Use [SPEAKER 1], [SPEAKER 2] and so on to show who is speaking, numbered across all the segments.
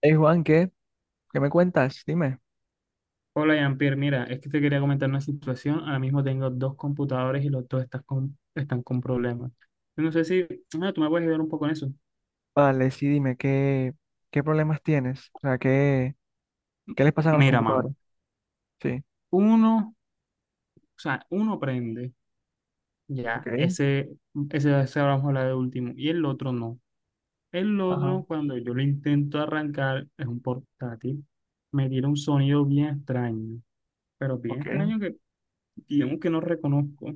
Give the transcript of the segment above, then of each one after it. [SPEAKER 1] Hey Juan, ¿qué? ¿Qué me cuentas? Dime.
[SPEAKER 2] Hola, Jean-Pierre. Mira, es que te quería comentar una situación. Ahora mismo tengo dos computadores y los dos están con problemas. Yo no sé si tú me puedes ayudar un poco en eso.
[SPEAKER 1] Vale, sí, dime, ¿qué problemas tienes? O sea, ¿qué les pasa a los
[SPEAKER 2] Mira, man,
[SPEAKER 1] computadores? Sí,
[SPEAKER 2] uno, o sea, uno prende, ya,
[SPEAKER 1] ok,
[SPEAKER 2] ese vamos a hablar de último, y el otro no. El
[SPEAKER 1] ajá,
[SPEAKER 2] otro, cuando yo lo intento arrancar, es un portátil, me tira un sonido bien extraño, pero bien
[SPEAKER 1] ok.
[SPEAKER 2] extraño que digamos que no reconozco.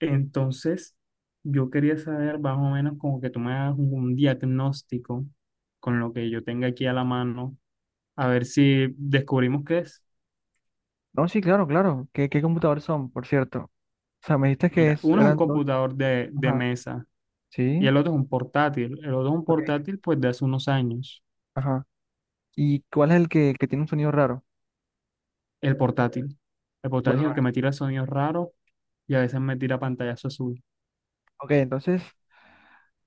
[SPEAKER 2] Entonces, yo quería saber más o menos como que tú me hagas un diagnóstico con lo que yo tenga aquí a la mano, a ver si descubrimos qué es.
[SPEAKER 1] No, sí, claro, claro. ¿Qué computadores son, por cierto? O sea, me dijiste que
[SPEAKER 2] Mira, uno es un
[SPEAKER 1] eran dos.
[SPEAKER 2] computador de
[SPEAKER 1] Ajá,
[SPEAKER 2] mesa y
[SPEAKER 1] sí,
[SPEAKER 2] el otro es un portátil. El otro es un
[SPEAKER 1] ok,
[SPEAKER 2] portátil pues de hace unos años.
[SPEAKER 1] ajá. ¿Y cuál es el que tiene un sonido raro?
[SPEAKER 2] El portátil. El
[SPEAKER 1] Bueno,
[SPEAKER 2] portátil es el que me tira sonidos raros y a veces me tira pantallazo azul.
[SPEAKER 1] ok, entonces,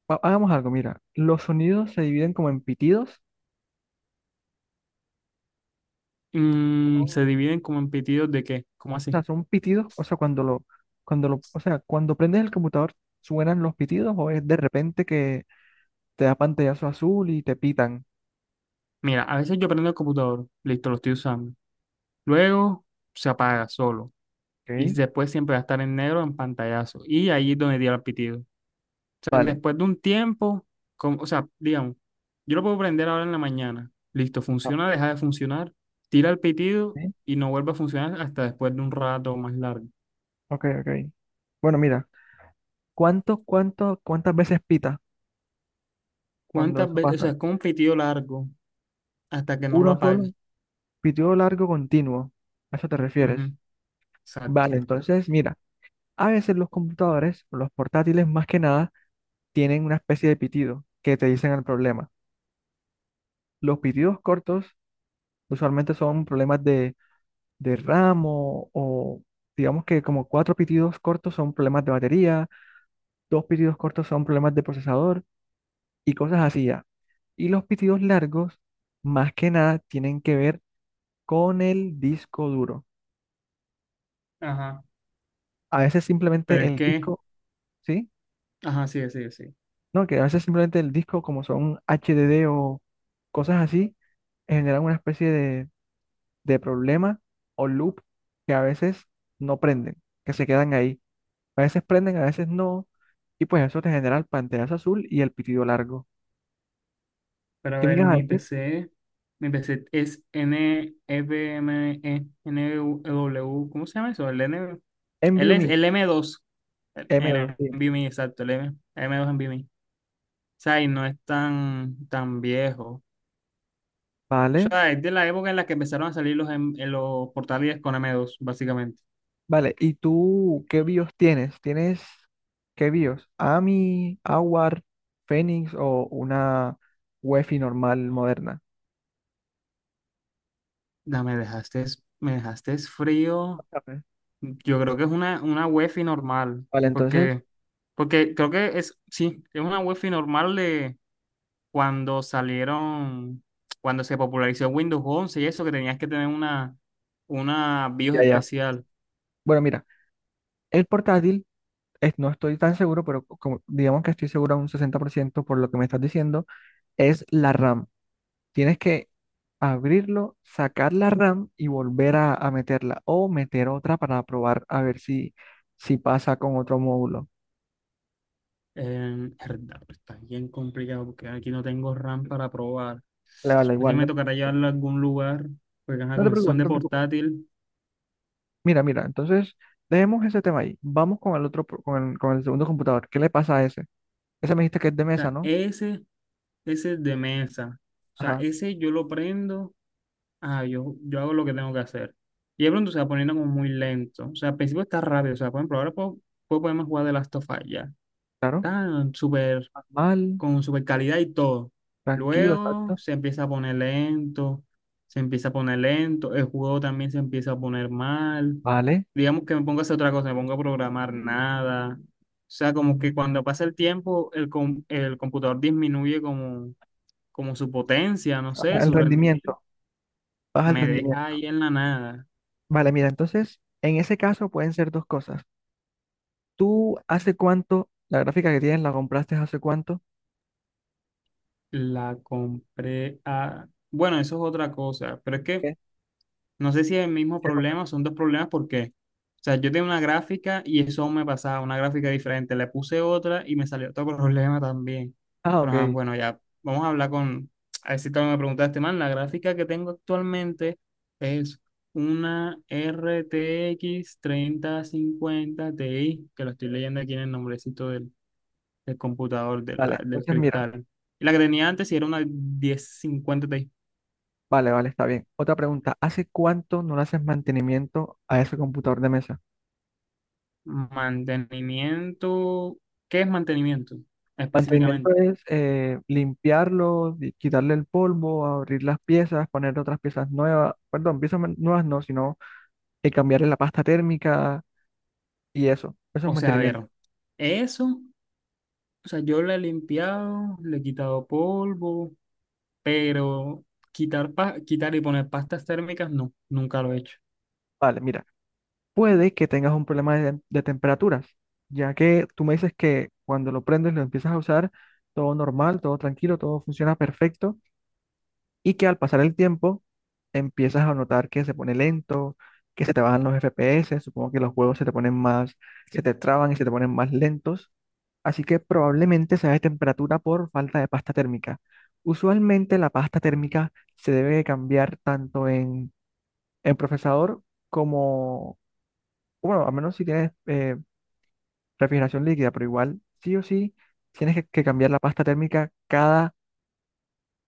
[SPEAKER 1] hagamos algo, mira. Los sonidos se dividen como en pitidos.
[SPEAKER 2] Se dividen como en pitidos de qué, ¿cómo así?
[SPEAKER 1] Son pitidos. O sea, o sea, cuando prendes el computador, ¿suenan los pitidos o es de repente que te da pantallazo azul y te pitan?
[SPEAKER 2] Mira, a veces yo prendo el computador, listo, lo estoy usando. Luego se apaga solo. Y
[SPEAKER 1] ¿Ok?
[SPEAKER 2] después siempre va a estar en negro en pantallazo. Y ahí es donde diera el pitido. O sea,
[SPEAKER 1] Vale.
[SPEAKER 2] después de un tiempo, o sea, digamos, yo lo puedo prender ahora en la mañana. Listo,
[SPEAKER 1] Ah,
[SPEAKER 2] funciona, deja de funcionar, tira el pitido
[SPEAKER 1] ¿sí?
[SPEAKER 2] y no vuelve a funcionar hasta después de un rato más largo.
[SPEAKER 1] Ok, ok. Bueno, mira, cuántas veces pita cuando
[SPEAKER 2] ¿Cuántas
[SPEAKER 1] eso
[SPEAKER 2] veces? O sea,
[SPEAKER 1] pasa?
[SPEAKER 2] es como un pitido largo hasta que no lo
[SPEAKER 1] Uno
[SPEAKER 2] apague.
[SPEAKER 1] solo, pitido largo continuo. ¿A eso te
[SPEAKER 2] Ujú,
[SPEAKER 1] refieres? Vale,
[SPEAKER 2] exacto.
[SPEAKER 1] entonces, mira, a veces los computadores, los portátiles más que nada, tienen una especie de pitido que te dicen el problema. Los pitidos cortos usualmente son problemas de ramo o digamos que como cuatro pitidos cortos son problemas de batería, dos pitidos cortos son problemas de procesador y cosas así ya. Y los pitidos largos, más que nada, tienen que ver con el disco duro.
[SPEAKER 2] Ajá.
[SPEAKER 1] A veces
[SPEAKER 2] Pero
[SPEAKER 1] simplemente
[SPEAKER 2] es
[SPEAKER 1] el
[SPEAKER 2] que,
[SPEAKER 1] disco, ¿sí?
[SPEAKER 2] ajá, sí, sí, sí.
[SPEAKER 1] No, que a veces simplemente el disco, como son HDD o cosas así, generan una especie de problema o loop que a veces no prenden, que se quedan ahí. A veces prenden, a veces no. Y pues eso te genera el pantallazo azul y el pitido largo.
[SPEAKER 2] Pero a
[SPEAKER 1] ¿Qué me
[SPEAKER 2] ver,
[SPEAKER 1] ibas a
[SPEAKER 2] mi
[SPEAKER 1] decir?
[SPEAKER 2] PC, mi PC es n f m e n E w, ¿cómo se llama eso? El N. Él
[SPEAKER 1] Envy
[SPEAKER 2] es
[SPEAKER 1] me,
[SPEAKER 2] el M.2, el,
[SPEAKER 1] m
[SPEAKER 2] el
[SPEAKER 1] dos sí.
[SPEAKER 2] NVMe, exacto, el M, 2 NVMe. O sea, y no es tan, tan viejo. O
[SPEAKER 1] Vale,
[SPEAKER 2] sea, es de la época en la que empezaron a salir los portátiles con M.2, básicamente.
[SPEAKER 1] vale. ¿Y tú qué BIOS tienes? ¿Tienes qué BIOS? AMI, AWAR, Phoenix o una UEFI normal moderna?
[SPEAKER 2] Ya, me dejaste frío.
[SPEAKER 1] Ajá.
[SPEAKER 2] Yo creo que es una UEFI normal,
[SPEAKER 1] Vale, entonces,
[SPEAKER 2] porque, porque creo que es, sí, es una UEFI normal de cuando salieron, cuando se popularizó Windows 11 y eso, que tenías que tener una BIOS
[SPEAKER 1] ya, ya.
[SPEAKER 2] especial.
[SPEAKER 1] Bueno, mira, el portátil, es, no estoy tan seguro, pero como, digamos que estoy seguro a un 60% por lo que me estás diciendo, es la RAM. Tienes que abrirlo, sacar la RAM y volver a meterla o meter otra para probar a ver si pasa con otro módulo.
[SPEAKER 2] Verdad, está bien complicado porque aquí no tengo RAM para probar.
[SPEAKER 1] Le vale
[SPEAKER 2] Así
[SPEAKER 1] igual,
[SPEAKER 2] me
[SPEAKER 1] no,
[SPEAKER 2] tocará llevarlo a algún lugar, porque ajá,
[SPEAKER 1] no te
[SPEAKER 2] como
[SPEAKER 1] preocupes,
[SPEAKER 2] son
[SPEAKER 1] no
[SPEAKER 2] de
[SPEAKER 1] te preocupes.
[SPEAKER 2] portátil.
[SPEAKER 1] Mira, mira, entonces dejemos ese tema ahí. Vamos con el otro, con el segundo computador. ¿Qué le pasa a ese? Ese me dijiste que es de
[SPEAKER 2] O
[SPEAKER 1] mesa,
[SPEAKER 2] sea,
[SPEAKER 1] ¿no?
[SPEAKER 2] ese es de mesa. O sea,
[SPEAKER 1] Ajá,
[SPEAKER 2] ese yo lo prendo, yo hago lo que tengo que hacer. Y de pronto se va poniendo como muy lento. O sea, al principio está rápido. O sea, por ejemplo, ahora puedo ponerme a jugar de Last of Us ya.
[SPEAKER 1] claro.
[SPEAKER 2] Está súper,
[SPEAKER 1] Mal,
[SPEAKER 2] con super calidad y todo.
[SPEAKER 1] tranquilo,
[SPEAKER 2] Luego
[SPEAKER 1] exacto.
[SPEAKER 2] se empieza a poner lento, se empieza a poner lento, el juego también se empieza a poner mal.
[SPEAKER 1] Vale.
[SPEAKER 2] Digamos que me pongo a hacer otra cosa, me pongo a programar nada. O sea, como que cuando pasa el tiempo, el computador disminuye como, su potencia, no sé,
[SPEAKER 1] Ajá, el
[SPEAKER 2] su rendimiento.
[SPEAKER 1] rendimiento, baja el
[SPEAKER 2] Me
[SPEAKER 1] rendimiento.
[SPEAKER 2] deja ahí en la nada.
[SPEAKER 1] Vale, mira, entonces en ese caso pueden ser dos cosas. ¿Tú hace cuánto, la gráfica que tienes, la compraste hace cuánto?
[SPEAKER 2] Bueno, eso es otra cosa, pero es que
[SPEAKER 1] ¿Qué?
[SPEAKER 2] no sé si es el mismo problema, son dos problemas porque, o sea, yo tenía una gráfica y eso me pasaba, una gráfica diferente, le puse otra y me salió otro problema también.
[SPEAKER 1] Ah,
[SPEAKER 2] Pero ajá,
[SPEAKER 1] ok.
[SPEAKER 2] bueno, ya vamos a hablar con, a ver si también me preguntaste, man, la gráfica que tengo actualmente es una RTX 50 Ti, que lo estoy leyendo aquí en el nombrecito del computador,
[SPEAKER 1] Vale,
[SPEAKER 2] del
[SPEAKER 1] entonces mira,
[SPEAKER 2] cristal. Y la que tenía antes sí era una 1050 Ti.
[SPEAKER 1] vale, vale, está bien. Otra pregunta, ¿hace cuánto no le haces mantenimiento a ese computador de mesa?
[SPEAKER 2] Mantenimiento, ¿qué es mantenimiento
[SPEAKER 1] Mantenimiento
[SPEAKER 2] específicamente?
[SPEAKER 1] es limpiarlo, quitarle el polvo, abrir las piezas, poner otras piezas nuevas, perdón, piezas nuevas no, sino cambiarle la pasta térmica y eso. Eso es
[SPEAKER 2] O sea, a
[SPEAKER 1] mantenimiento.
[SPEAKER 2] ver, eso, o sea, yo le he limpiado, le he quitado polvo, pero quitar y poner pastas térmicas, no, nunca lo he hecho.
[SPEAKER 1] Vale, mira, puede que tengas un problema de temperaturas, ya que tú me dices que cuando lo prendes, lo empiezas a usar, todo normal, todo tranquilo, todo funciona perfecto y que al pasar el tiempo empiezas a notar que se pone lento, que se te bajan los FPS, supongo que los juegos se te ponen más, se te traban y se te ponen más lentos, así que probablemente sea de temperatura por falta de pasta térmica. Usualmente la pasta térmica se debe de cambiar tanto en procesador como, bueno, a menos si tienes refrigeración líquida, pero igual sí o sí tienes que cambiar la pasta térmica cada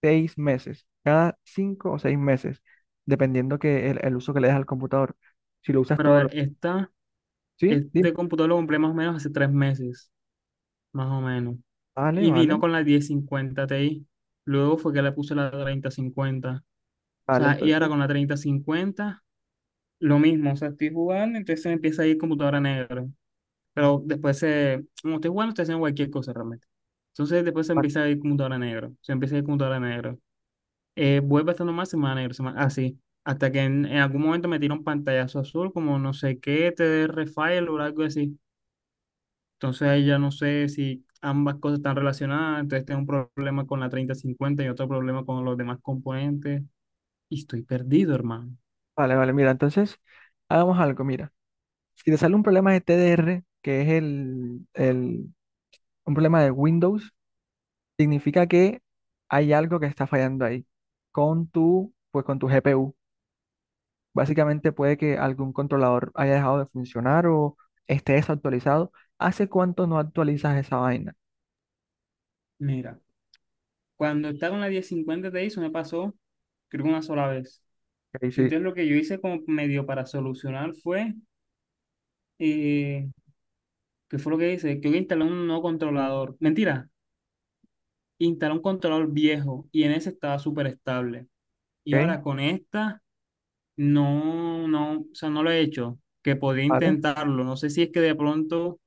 [SPEAKER 1] 6 meses, cada 5 o 6 meses, dependiendo que el uso que le des al computador. Si lo usas
[SPEAKER 2] Pero
[SPEAKER 1] todo,
[SPEAKER 2] a
[SPEAKER 1] lo...
[SPEAKER 2] ver,
[SPEAKER 1] ¿sí? Dime.
[SPEAKER 2] este computador lo compré más o menos hace 3 meses, más o menos.
[SPEAKER 1] Vale,
[SPEAKER 2] Y vino
[SPEAKER 1] vale,
[SPEAKER 2] con la 1050 Ti. Luego fue que le puse la 3050. O
[SPEAKER 1] vale,
[SPEAKER 2] sea, y ahora
[SPEAKER 1] entonces,
[SPEAKER 2] con la 3050. Lo mismo, o sea, estoy jugando, entonces se me empieza a ahí computadora negra. Pero después se, como estoy jugando, estoy haciendo cualquier cosa realmente. Entonces después se
[SPEAKER 1] vale,
[SPEAKER 2] empieza a ir computadora negra. Se empieza a ir computadora negra. Vuelve estando más semana negra, semana, así. Hasta que en algún momento me tira un pantallazo azul, como no sé qué, te dé refile o algo así. Entonces ahí ya no sé si ambas cosas están relacionadas. Entonces tengo un problema con la 3050 y otro problema con los demás componentes. Y estoy perdido, hermano.
[SPEAKER 1] vale, vale, mira, entonces, hagamos algo, mira. Si te sale un problema de TDR, que es un problema de Windows, significa que hay algo que está fallando ahí con pues con tu GPU. Básicamente puede que algún controlador haya dejado de funcionar o esté desactualizado. ¿Hace cuánto no actualizas esa vaina?
[SPEAKER 2] Mira, cuando estaba en la 1050 Ti, eso me pasó, creo que una sola vez.
[SPEAKER 1] Ok, sí,
[SPEAKER 2] Entonces lo que yo hice como medio para solucionar fue, eh, ¿qué fue lo que hice? Creo que instalé un nuevo controlador. Mentira, instalé un controlador viejo y en ese estaba súper estable. Y ahora
[SPEAKER 1] ok,
[SPEAKER 2] con esta, no, no, o sea, no lo he hecho, que podría
[SPEAKER 1] vale,
[SPEAKER 2] intentarlo. No sé si es que de pronto,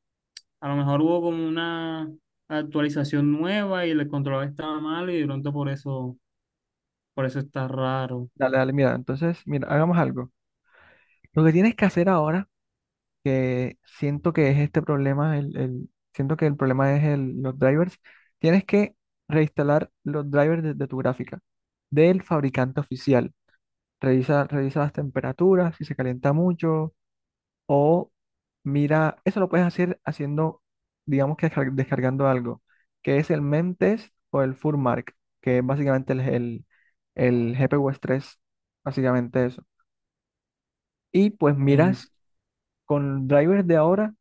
[SPEAKER 2] a lo mejor hubo como una actualización nueva y el controlador estaba mal y de pronto por eso, está raro.
[SPEAKER 1] dale, dale, mira, entonces, mira, hagamos algo. Lo que tienes que hacer ahora, que siento que es este problema, siento que el problema es los drivers, tienes que reinstalar los drivers de tu gráfica, del fabricante oficial. Revisa, revisa las temperaturas, si se calienta mucho, o mira, eso lo puedes hacer haciendo, digamos que descargando algo, que es el Memtest o el Furmark, que es básicamente el GPU 3 básicamente eso. Y pues miras con drivers de ahora,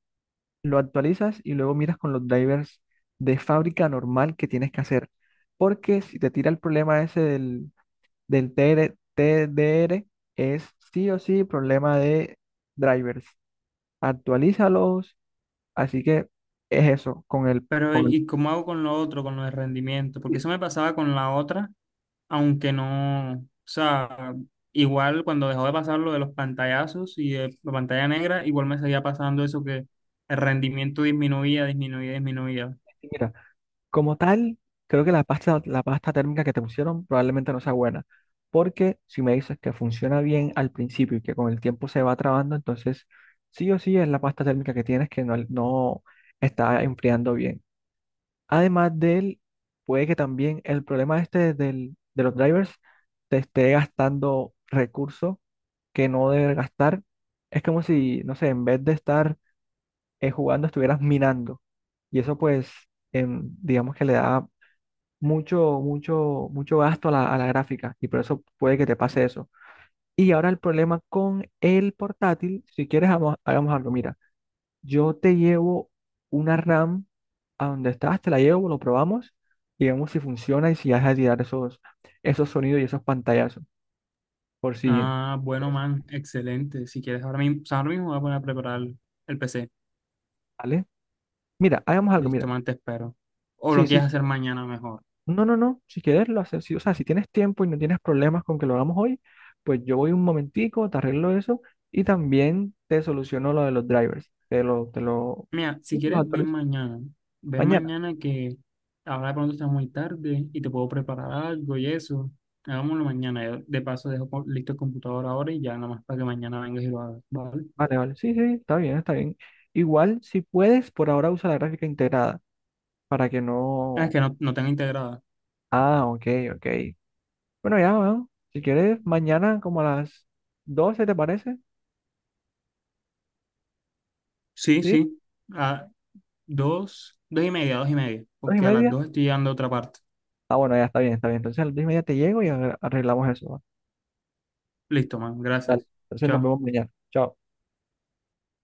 [SPEAKER 1] lo actualizas y luego miras con los drivers de fábrica normal que tienes que hacer. Porque si te tira el problema ese del TDR es sí o sí problema de drivers. Actualízalos. Así que es eso.
[SPEAKER 2] Pero, ¿y cómo hago con lo otro, con lo de rendimiento? Porque
[SPEAKER 1] Sí,
[SPEAKER 2] eso me pasaba con la otra, aunque no, o sea, igual cuando dejó de pasar lo de los pantallazos y de la pantalla negra, igual me seguía pasando eso que el rendimiento disminuía, disminuía, disminuía.
[SPEAKER 1] mira, como tal, creo que la pasta térmica que te pusieron probablemente no sea buena, porque si me dices que funciona bien al principio y que con el tiempo se va trabando, entonces sí o sí es la pasta térmica que tienes que no está enfriando bien. Además de él, puede que también el problema este de los drivers te esté gastando recursos que no debe gastar. Es como si, no sé, en vez de estar jugando, estuvieras minando. Y eso pues, digamos que le da mucho, mucho, mucho gasto a la gráfica y por eso puede que te pase eso. Y ahora el problema con el portátil, si quieres, hagamos, hagamos algo. Mira, yo te llevo una RAM a donde estás, te la llevo, lo probamos y vemos si funciona y si has de dar esos, esos sonidos y esos pantallazos. Por si,
[SPEAKER 2] Ah,
[SPEAKER 1] por
[SPEAKER 2] bueno,
[SPEAKER 1] si-
[SPEAKER 2] man, excelente. Si quieres, ahora mismo, o sea, ahora mismo voy a poner a preparar el PC.
[SPEAKER 1] ¿vale? Mira, hagamos algo,
[SPEAKER 2] Listo,
[SPEAKER 1] mira.
[SPEAKER 2] man, te espero. O lo
[SPEAKER 1] Sí, sí,
[SPEAKER 2] quieres hacer mañana mejor.
[SPEAKER 1] no, no, no, si quieres lo haces, o sea, si tienes tiempo y no tienes problemas con que lo hagamos hoy, pues yo voy un momentico, te arreglo eso y también te soluciono lo de los drivers,
[SPEAKER 2] Mira, si
[SPEAKER 1] sí, te los
[SPEAKER 2] quieres, ven
[SPEAKER 1] actualizo
[SPEAKER 2] mañana. Ven
[SPEAKER 1] mañana.
[SPEAKER 2] mañana que ahora de pronto está muy tarde y te puedo preparar algo y eso. Hagámoslo mañana. Yo de paso dejo listo el computador ahora y ya nada más para que mañana vengas y lo hagas, ¿vale?
[SPEAKER 1] Vale, vale, sí, sí, está bien, está bien. Igual, si puedes, por ahora usa la gráfica integrada para que
[SPEAKER 2] Ah, es
[SPEAKER 1] no...
[SPEAKER 2] que no, no tengo integrada.
[SPEAKER 1] Ah, ok, ok. Bueno, ya, bueno, si quieres, mañana como a las 12, ¿te parece?
[SPEAKER 2] Sí,
[SPEAKER 1] ¿Sí?
[SPEAKER 2] sí. A dos y media.
[SPEAKER 1] ¿Dos y
[SPEAKER 2] Porque a las
[SPEAKER 1] media?
[SPEAKER 2] dos estoy llegando a otra parte.
[SPEAKER 1] Ah, bueno, ya está bien, está bien. Entonces a las 2:30 te llego y arreglamos eso. ¿Vale?
[SPEAKER 2] Listo, man.
[SPEAKER 1] Dale,
[SPEAKER 2] Gracias.
[SPEAKER 1] entonces nos
[SPEAKER 2] Chao.
[SPEAKER 1] vemos mañana. Chao.